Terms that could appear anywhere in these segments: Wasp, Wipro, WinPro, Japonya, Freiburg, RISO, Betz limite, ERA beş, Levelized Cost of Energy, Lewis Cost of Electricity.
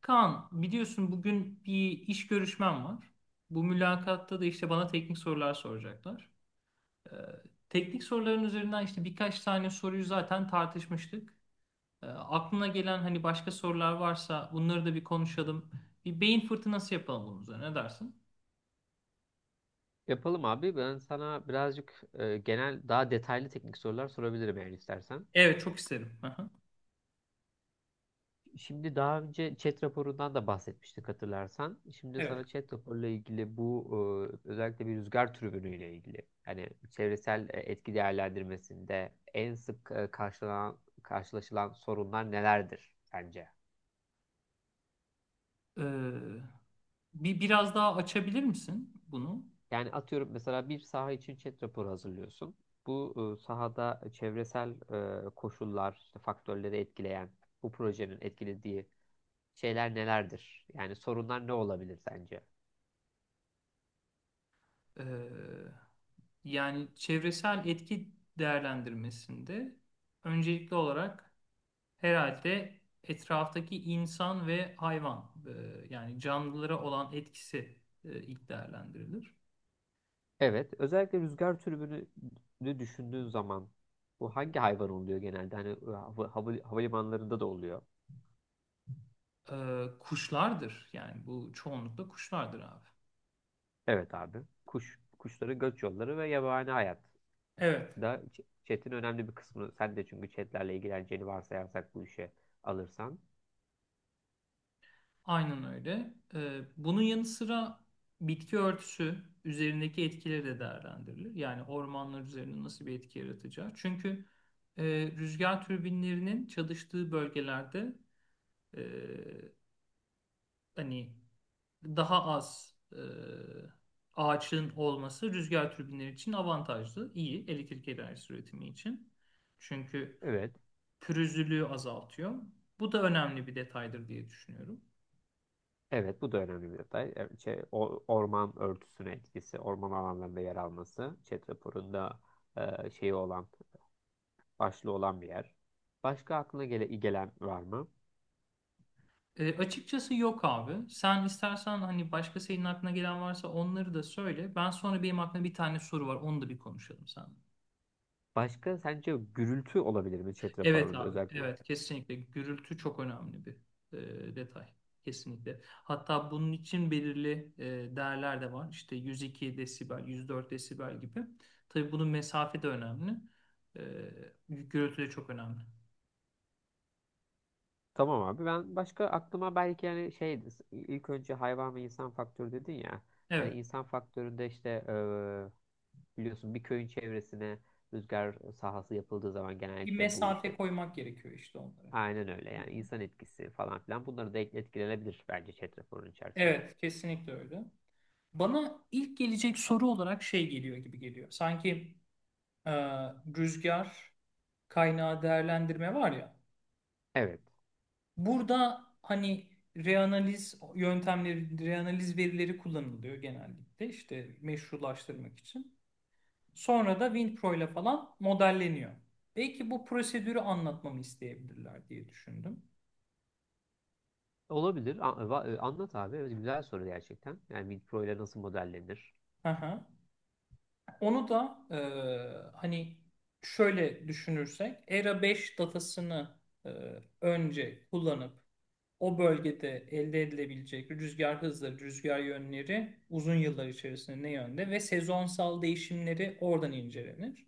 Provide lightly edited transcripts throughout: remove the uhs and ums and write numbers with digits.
Kaan, biliyorsun bugün bir iş görüşmem var. Bu mülakatta da işte bana teknik sorular soracaklar. Ee, teknik soruların üzerinden işte birkaç tane soruyu zaten tartışmıştık. Aklına gelen hani başka sorular varsa bunları da bir konuşalım. Bir beyin fırtınası yapalım bunun üzerine. Ne dersin? Yapalım abi. Ben sana birazcık genel daha detaylı teknik sorular sorabilirim eğer istersen. Evet, çok isterim. Aha. Şimdi daha önce chat raporundan da bahsetmiştik hatırlarsan. Şimdi Evet. sana chat raporuyla ilgili bu özellikle bir rüzgar türbünüyle ilgili yani çevresel etki değerlendirmesinde en sık e, karşılanan karşılaşılan sorunlar nelerdir sence? Ee, biraz daha açabilir misin bunu? Yani atıyorum mesela bir saha için chat raporu hazırlıyorsun. Bu sahada çevresel koşullar, işte faktörleri etkileyen bu projenin etkilediği şeyler nelerdir? Yani sorunlar ne olabilir sence? Ee, yani çevresel etki değerlendirmesinde öncelikli olarak, herhalde etraftaki insan ve hayvan yani canlılara olan etkisi ilk değerlendirilir. Evet, özellikle rüzgar türbünü düşündüğün zaman bu hangi hayvan oluyor genelde? Hani havalimanlarında da oluyor. Kuşlardır yani bu çoğunlukla kuşlardır abi. Evet abi. Kuşların göç yolları ve yabani hayat Evet. da chat'in önemli bir kısmını sen de, çünkü chat'lerle ilgileneceğini varsayarsak bu işe alırsan. Aynen öyle. Bunun yanı sıra bitki örtüsü üzerindeki etkileri de değerlendirilir. Yani ormanlar üzerinde nasıl bir etki yaratacağı. Çünkü e, rüzgar türbinlerinin çalıştığı bölgelerde e, hani daha az ağaçın olması rüzgar türbinleri için avantajlı, iyi elektrik enerjisi üretimi için. Çünkü Evet. pürüzlülüğü azaltıyor. Bu da önemli bir detaydır diye düşünüyorum. Evet, bu da önemli bir detay. Evet. Orman örtüsüne etkisi, orman alanlarında yer alması, chat raporunda şeyi olan başlı olan bir yer. Başka aklına gele gelen var mı? Açıkçası yok abi. Sen istersen hani başka senin aklına gelen varsa onları da söyle. Ben sonra benim aklımda bir tane soru var. Onu da bir konuşalım sen. Başka, sence gürültü olabilir mi chat Evet raporunda abi, özellikle? evet kesinlikle gürültü çok önemli bir detay. Kesinlikle. Hatta bunun için belirli değerler de var. İşte 102 desibel, 104 desibel gibi. Tabii bunun mesafe de önemli. E, gürültü de çok önemli. Tamam abi, ben başka aklıma belki yani şey ilk önce hayvan ve insan faktörü dedin ya. Hani Evet. insan faktöründe işte biliyorsun bir köyün çevresine rüzgar sahası yapıldığı zaman Bir genellikle bu mesafe işte koymak gerekiyor işte onlara. aynen öyle, yani insan etkisi falan filan bunları da etkilenebilir bence chat raporunun içerisine. Evet, kesinlikle öyle. Bana ilk gelecek soru olarak şey geliyor gibi geliyor. Sanki e, rüzgar kaynağı değerlendirme var ya. Evet. Burada hani reanaliz yöntemleri, reanaliz verileri kullanılıyor genellikle işte meşrulaştırmak için. Sonra da WinPro ile falan modelleniyor. Belki bu prosedürü anlatmamı isteyebilirler diye düşündüm. Olabilir. Anlat abi. Evet, güzel soru gerçekten. Yani Wipro ile nasıl modellenir? Hı hı. Onu da hani şöyle düşünürsek ERA5 datasını e, önce kullanıp o bölgede elde edilebilecek rüzgar hızları, rüzgar yönleri uzun yıllar içerisinde ne yönde ve sezonsal değişimleri oradan incelenir.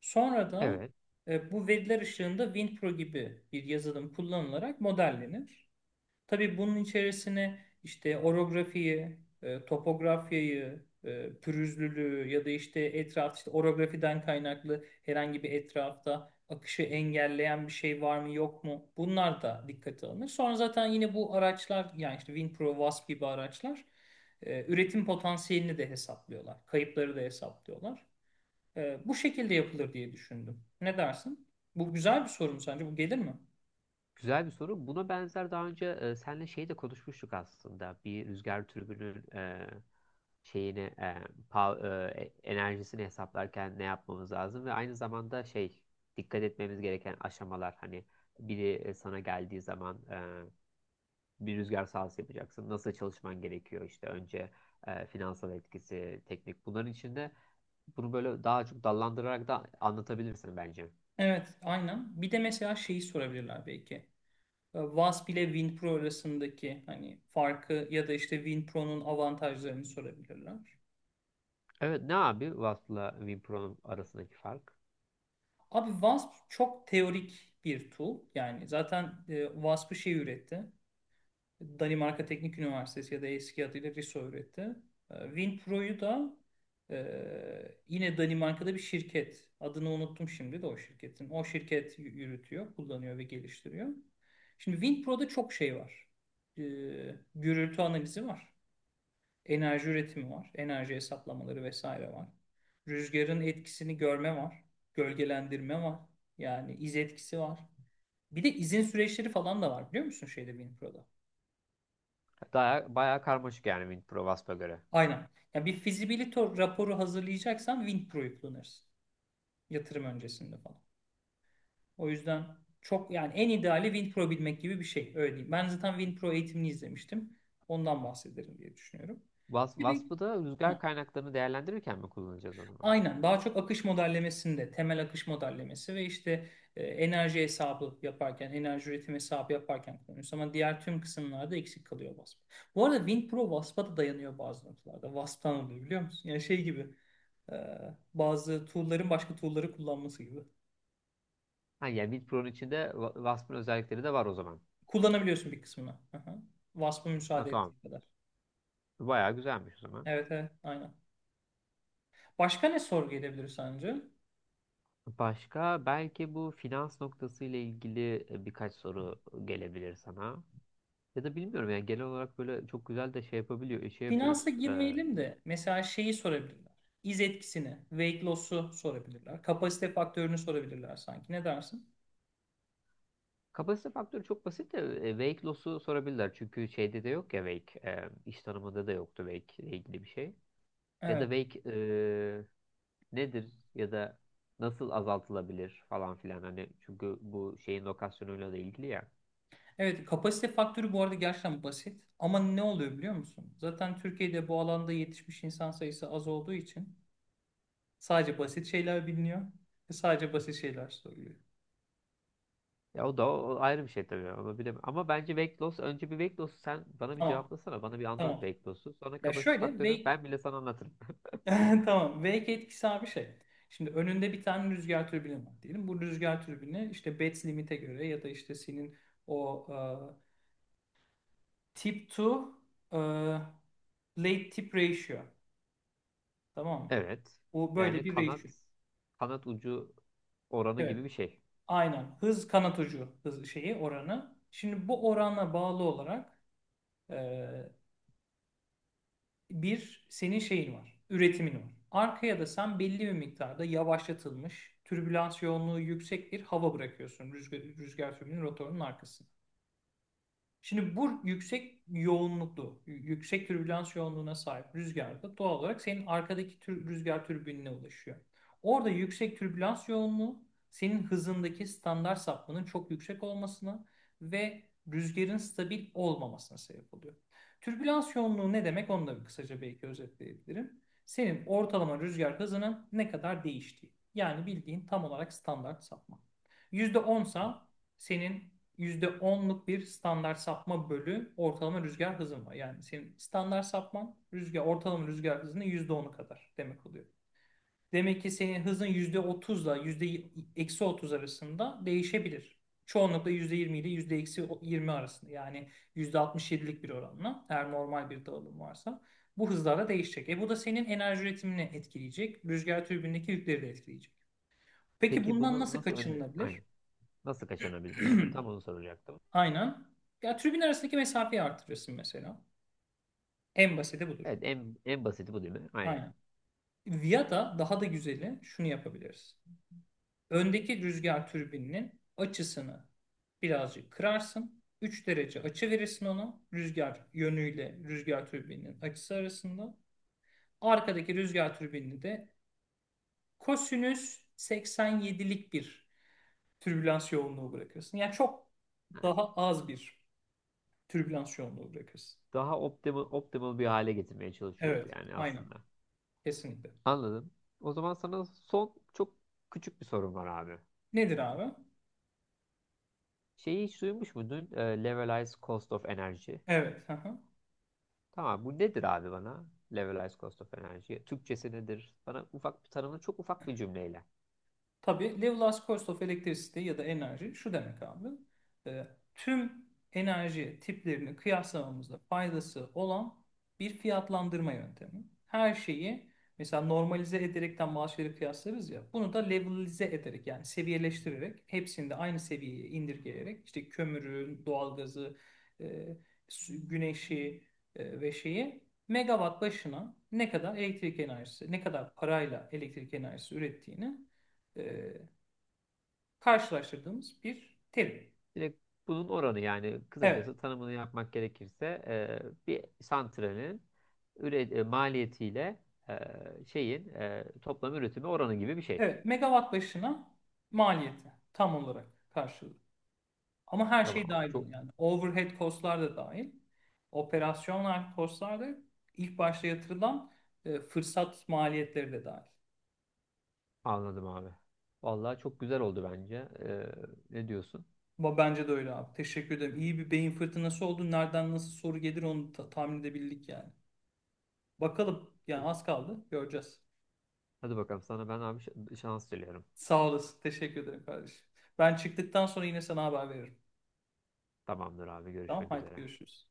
Sonra da Evet. Bu veriler ışığında WinPro gibi bir yazılım kullanılarak modellenir. Tabii bunun içerisine işte orografiyi, topografyayı, pürüzlülüğü ya da işte etraf işte orografiden kaynaklı herhangi bir etrafta akışı engelleyen bir şey var mı yok mu? Bunlar da dikkate alınır. Sonra zaten yine bu araçlar yani işte WinPro, Wasp gibi araçlar üretim potansiyelini de hesaplıyorlar. Kayıpları da hesaplıyorlar. Bu şekilde yapılır diye düşündüm. Ne dersin? Bu güzel bir soru mu sence? Bu gelir mi? Güzel bir soru. Buna benzer daha önce senle şey de konuşmuştuk aslında. Bir rüzgar türbünün şeyini pa- enerjisini hesaplarken ne yapmamız lazım ve aynı zamanda şey dikkat etmemiz gereken aşamalar, hani biri sana geldiği zaman bir rüzgar sahası yapacaksın. Nasıl çalışman gerekiyor işte önce finansal etkisi, teknik bunların içinde, bunu böyle daha çok dallandırarak da anlatabilirsin bence. Evet, aynen. Bir de mesela şeyi sorabilirler belki. Wasp ile WinPro arasındaki hani farkı ya da işte WinPro'nun avantajlarını sorabilirler. Evet, ne abi Wasp'la WinPro'nun arasındaki fark? Abi Wasp çok teorik bir tool. Yani zaten Wasp'ı şey üretti. Danimarka Teknik Üniversitesi ya da eski adıyla RISO üretti. WinPro'yu da yine Danimarka'da bir şirket. Adını unuttum şimdi de o şirketin. O şirket yürütüyor, kullanıyor ve geliştiriyor. Şimdi WinPro'da çok şey var. E, gürültü analizi var. Enerji üretimi var. Enerji hesaplamaları vesaire var. Rüzgarın etkisini görme var. Gölgelendirme var. Yani iz etkisi var. Bir de izin süreçleri falan da var biliyor musun şeyde WinPro'da? Daha, bayağı karmaşık yani WinPro Wasp'a göre. Aynen. Ya bir feasibility raporu hazırlayacaksan WinPro'yu kullanırsın. Yatırım öncesinde falan. O yüzden çok yani en ideali WinPro bilmek gibi bir şey. Öyle diyeyim. Ben zaten WinPro eğitimini izlemiştim. Ondan bahsederim diye düşünüyorum. Bir de- Wasp'ı da Heh. rüzgar kaynaklarını değerlendirirken mi kullanacağız o zaman? Aynen daha çok akış modellemesinde temel akış modellemesi ve işte enerji hesabı yaparken enerji üretim hesabı yaparken kullanıyoruz ama diğer tüm kısımlarda eksik kalıyor WASP. Bu arada WinPro WASP'a da dayanıyor bazı noktalarda. WASP'tan alıyor biliyor musun? Yani şey gibi e, bazı tool'ların başka tool'ları kullanması gibi. Ha, yani WinPro'nun içinde Wasp'ın özellikleri de var o zaman. Kullanabiliyorsun bir kısmını. Aha. WASP'a Ha, müsaade tamam. ettiği kadar. Bayağı güzelmiş o zaman. Evet, evet, aynen. Başka ne sorgu edebilir sence? Başka belki bu finans noktası ile ilgili birkaç soru gelebilir sana. Ya da bilmiyorum, yani genel olarak böyle çok güzel de şey yapabiliyor, şey Finansa yapıyoruz. Girmeyelim de mesela şeyi sorabilirler. İz etkisini, weight loss'u sorabilirler. Kapasite faktörünü sorabilirler sanki. Ne dersin? Kapasite faktörü çok basit de wake loss'u sorabilirler. Çünkü şeyde de yok ya wake. E, iş tanımında da yoktu wake ile ilgili bir şey. Ya Evet. da belki nedir ya da nasıl azaltılabilir falan filan, hani çünkü bu şeyin lokasyonuyla da ilgili ya. Evet, kapasite faktörü bu arada gerçekten basit. Ama ne oluyor biliyor musun? Zaten Türkiye'de bu alanda yetişmiş insan sayısı az olduğu için sadece basit şeyler biliniyor ve sadece basit şeyler soruluyor. Ya o da o ayrı bir şey tabii, onu bilemem. Ama bence weight loss, önce bir weight loss sen bana bir Tamam, cevaplasana, bana bir anlat tamam. weight loss'u. Sonra Ya kapasite şöyle faktörünü weight ben bile sana anlatırım. Tamam. V2 etkisi abi şey. Şimdi önünde bir tane rüzgar türbini var diyelim. Bu rüzgar türbini işte Betz limite göre ya da işte senin o tip to e, late tip ratio. Tamam mı? Evet. Bu böyle Yani bir ratio. Kanat ucu oranı Evet. gibi bir şey. Aynen. Hız kanat ucu hız şeyi oranı. Şimdi bu orana bağlı olarak e, bir senin şeyin var, üretimin var. Arkaya da sen belli bir miktarda yavaşlatılmış, türbülans yoğunluğu yüksek bir hava bırakıyorsun rüzgar türbinin rotorunun arkasına. Şimdi bu yüksek yoğunluklu, yüksek türbülans yoğunluğuna sahip rüzgarda doğal olarak senin arkadaki rüzgar türbinine ulaşıyor. Orada yüksek türbülans yoğunluğu senin hızındaki standart sapmanın çok yüksek olmasına ve rüzgarın stabil olmamasına sebep oluyor. Türbülans yoğunluğu ne demek onu da bir kısaca belki özetleyebilirim. Senin ortalama rüzgar hızının ne kadar değiştiği. Yani bildiğin tam olarak standart sapma. %10 sa senin %10'luk bir standart sapma bölü ortalama rüzgar hızın var. Yani senin standart sapman rüzgar, ortalama rüzgar hızının %10'u kadar demek oluyor. Demek ki senin hızın yüzde otuzla yüzde eksi otuz arasında değişebilir. Çoğunlukla %20 ile yüzde eksi yirmi arasında yani %67'lik bir oranla eğer normal bir dağılım varsa bu hızlarla değişecek. E bu da senin enerji üretimini etkileyecek. Rüzgar türbinindeki yükleri de etkileyecek. Peki Peki bundan bunu nasıl nasıl önle, kaçınılabilir? aynen. Nasıl kaçınabiliriz? Aynen tam onu soracaktım. Aynen. Ya tribün arasındaki mesafeyi artırırsın mesela. En basiti budur. Evet, en basiti bu değil mi? Aynen. Aynen. Ya da daha da güzeli şunu yapabiliriz. Öndeki rüzgar türbininin açısını birazcık kırarsın. 3 derece açı verirsin ona. Rüzgar yönüyle rüzgar türbininin açısı arasında. Arkadaki rüzgar türbinini de kosinüs 87'lik bir türbülans yoğunluğu bırakırsın. Yani çok daha az bir türbülans yoğunluğu bırakırsın. Daha optimal bir hale getirmeye çalışıyoruz Evet, yani aynen. aslında. Kesinlikle. Anladım. O zaman sana son çok küçük bir sorum var abi. Nedir abi? Şeyi hiç duymuş muydun? Levelized Cost of Energy. Evet. Hı hı. Tamam, bu nedir abi bana? Levelized Cost of Energy. Türkçesi nedir? Bana ufak bir tanımını, çok ufak bir cümleyle. Tabii Lewis Cost of Electricity ya da enerji şu demek abi. e, tüm enerji tiplerini kıyaslamamızda faydası olan bir fiyatlandırma yöntemi. Her şeyi mesela normalize ederekten maaşları kıyaslarız ya. Bunu da levelize ederek yani seviyeleştirerek hepsini de aynı seviyeye indirgeyerek işte kömürü, doğalgazı, e, güneşi ve şeyi megawatt başına ne kadar elektrik enerjisi, ne kadar parayla elektrik enerjisi ürettiğini e, karşılaştırdığımız bir terim. Direkt bunun oranı yani, Evet, kısacası tanımını yapmak gerekirse bir santralin maliyetiyle e, şeyin toplam üretimi oranı gibi bir şey. evet, megawatt başına maliyeti tam olarak karşılığı. Ama her şey Tamam abi. dahil bunun Çok. yani. Overhead costlar da dahil. Operasyonel costlar da ilk başta yatırılan fırsat maliyetleri de dahil. Anladım abi. Vallahi çok güzel oldu bence. Ne diyorsun? Ama bence de öyle abi. Teşekkür ederim. İyi bir beyin fırtınası oldu. Nereden nasıl soru gelir onu tahmin edebildik yani. Bakalım yani az kaldı. Göreceğiz. Hadi bakalım, sana ben abi şans diliyorum. Sağ olasın. Teşekkür ederim kardeşim. Ben çıktıktan sonra yine sana haber veririm. Tamamdır abi, Tamam görüşmek haydi üzere. görüşürüz.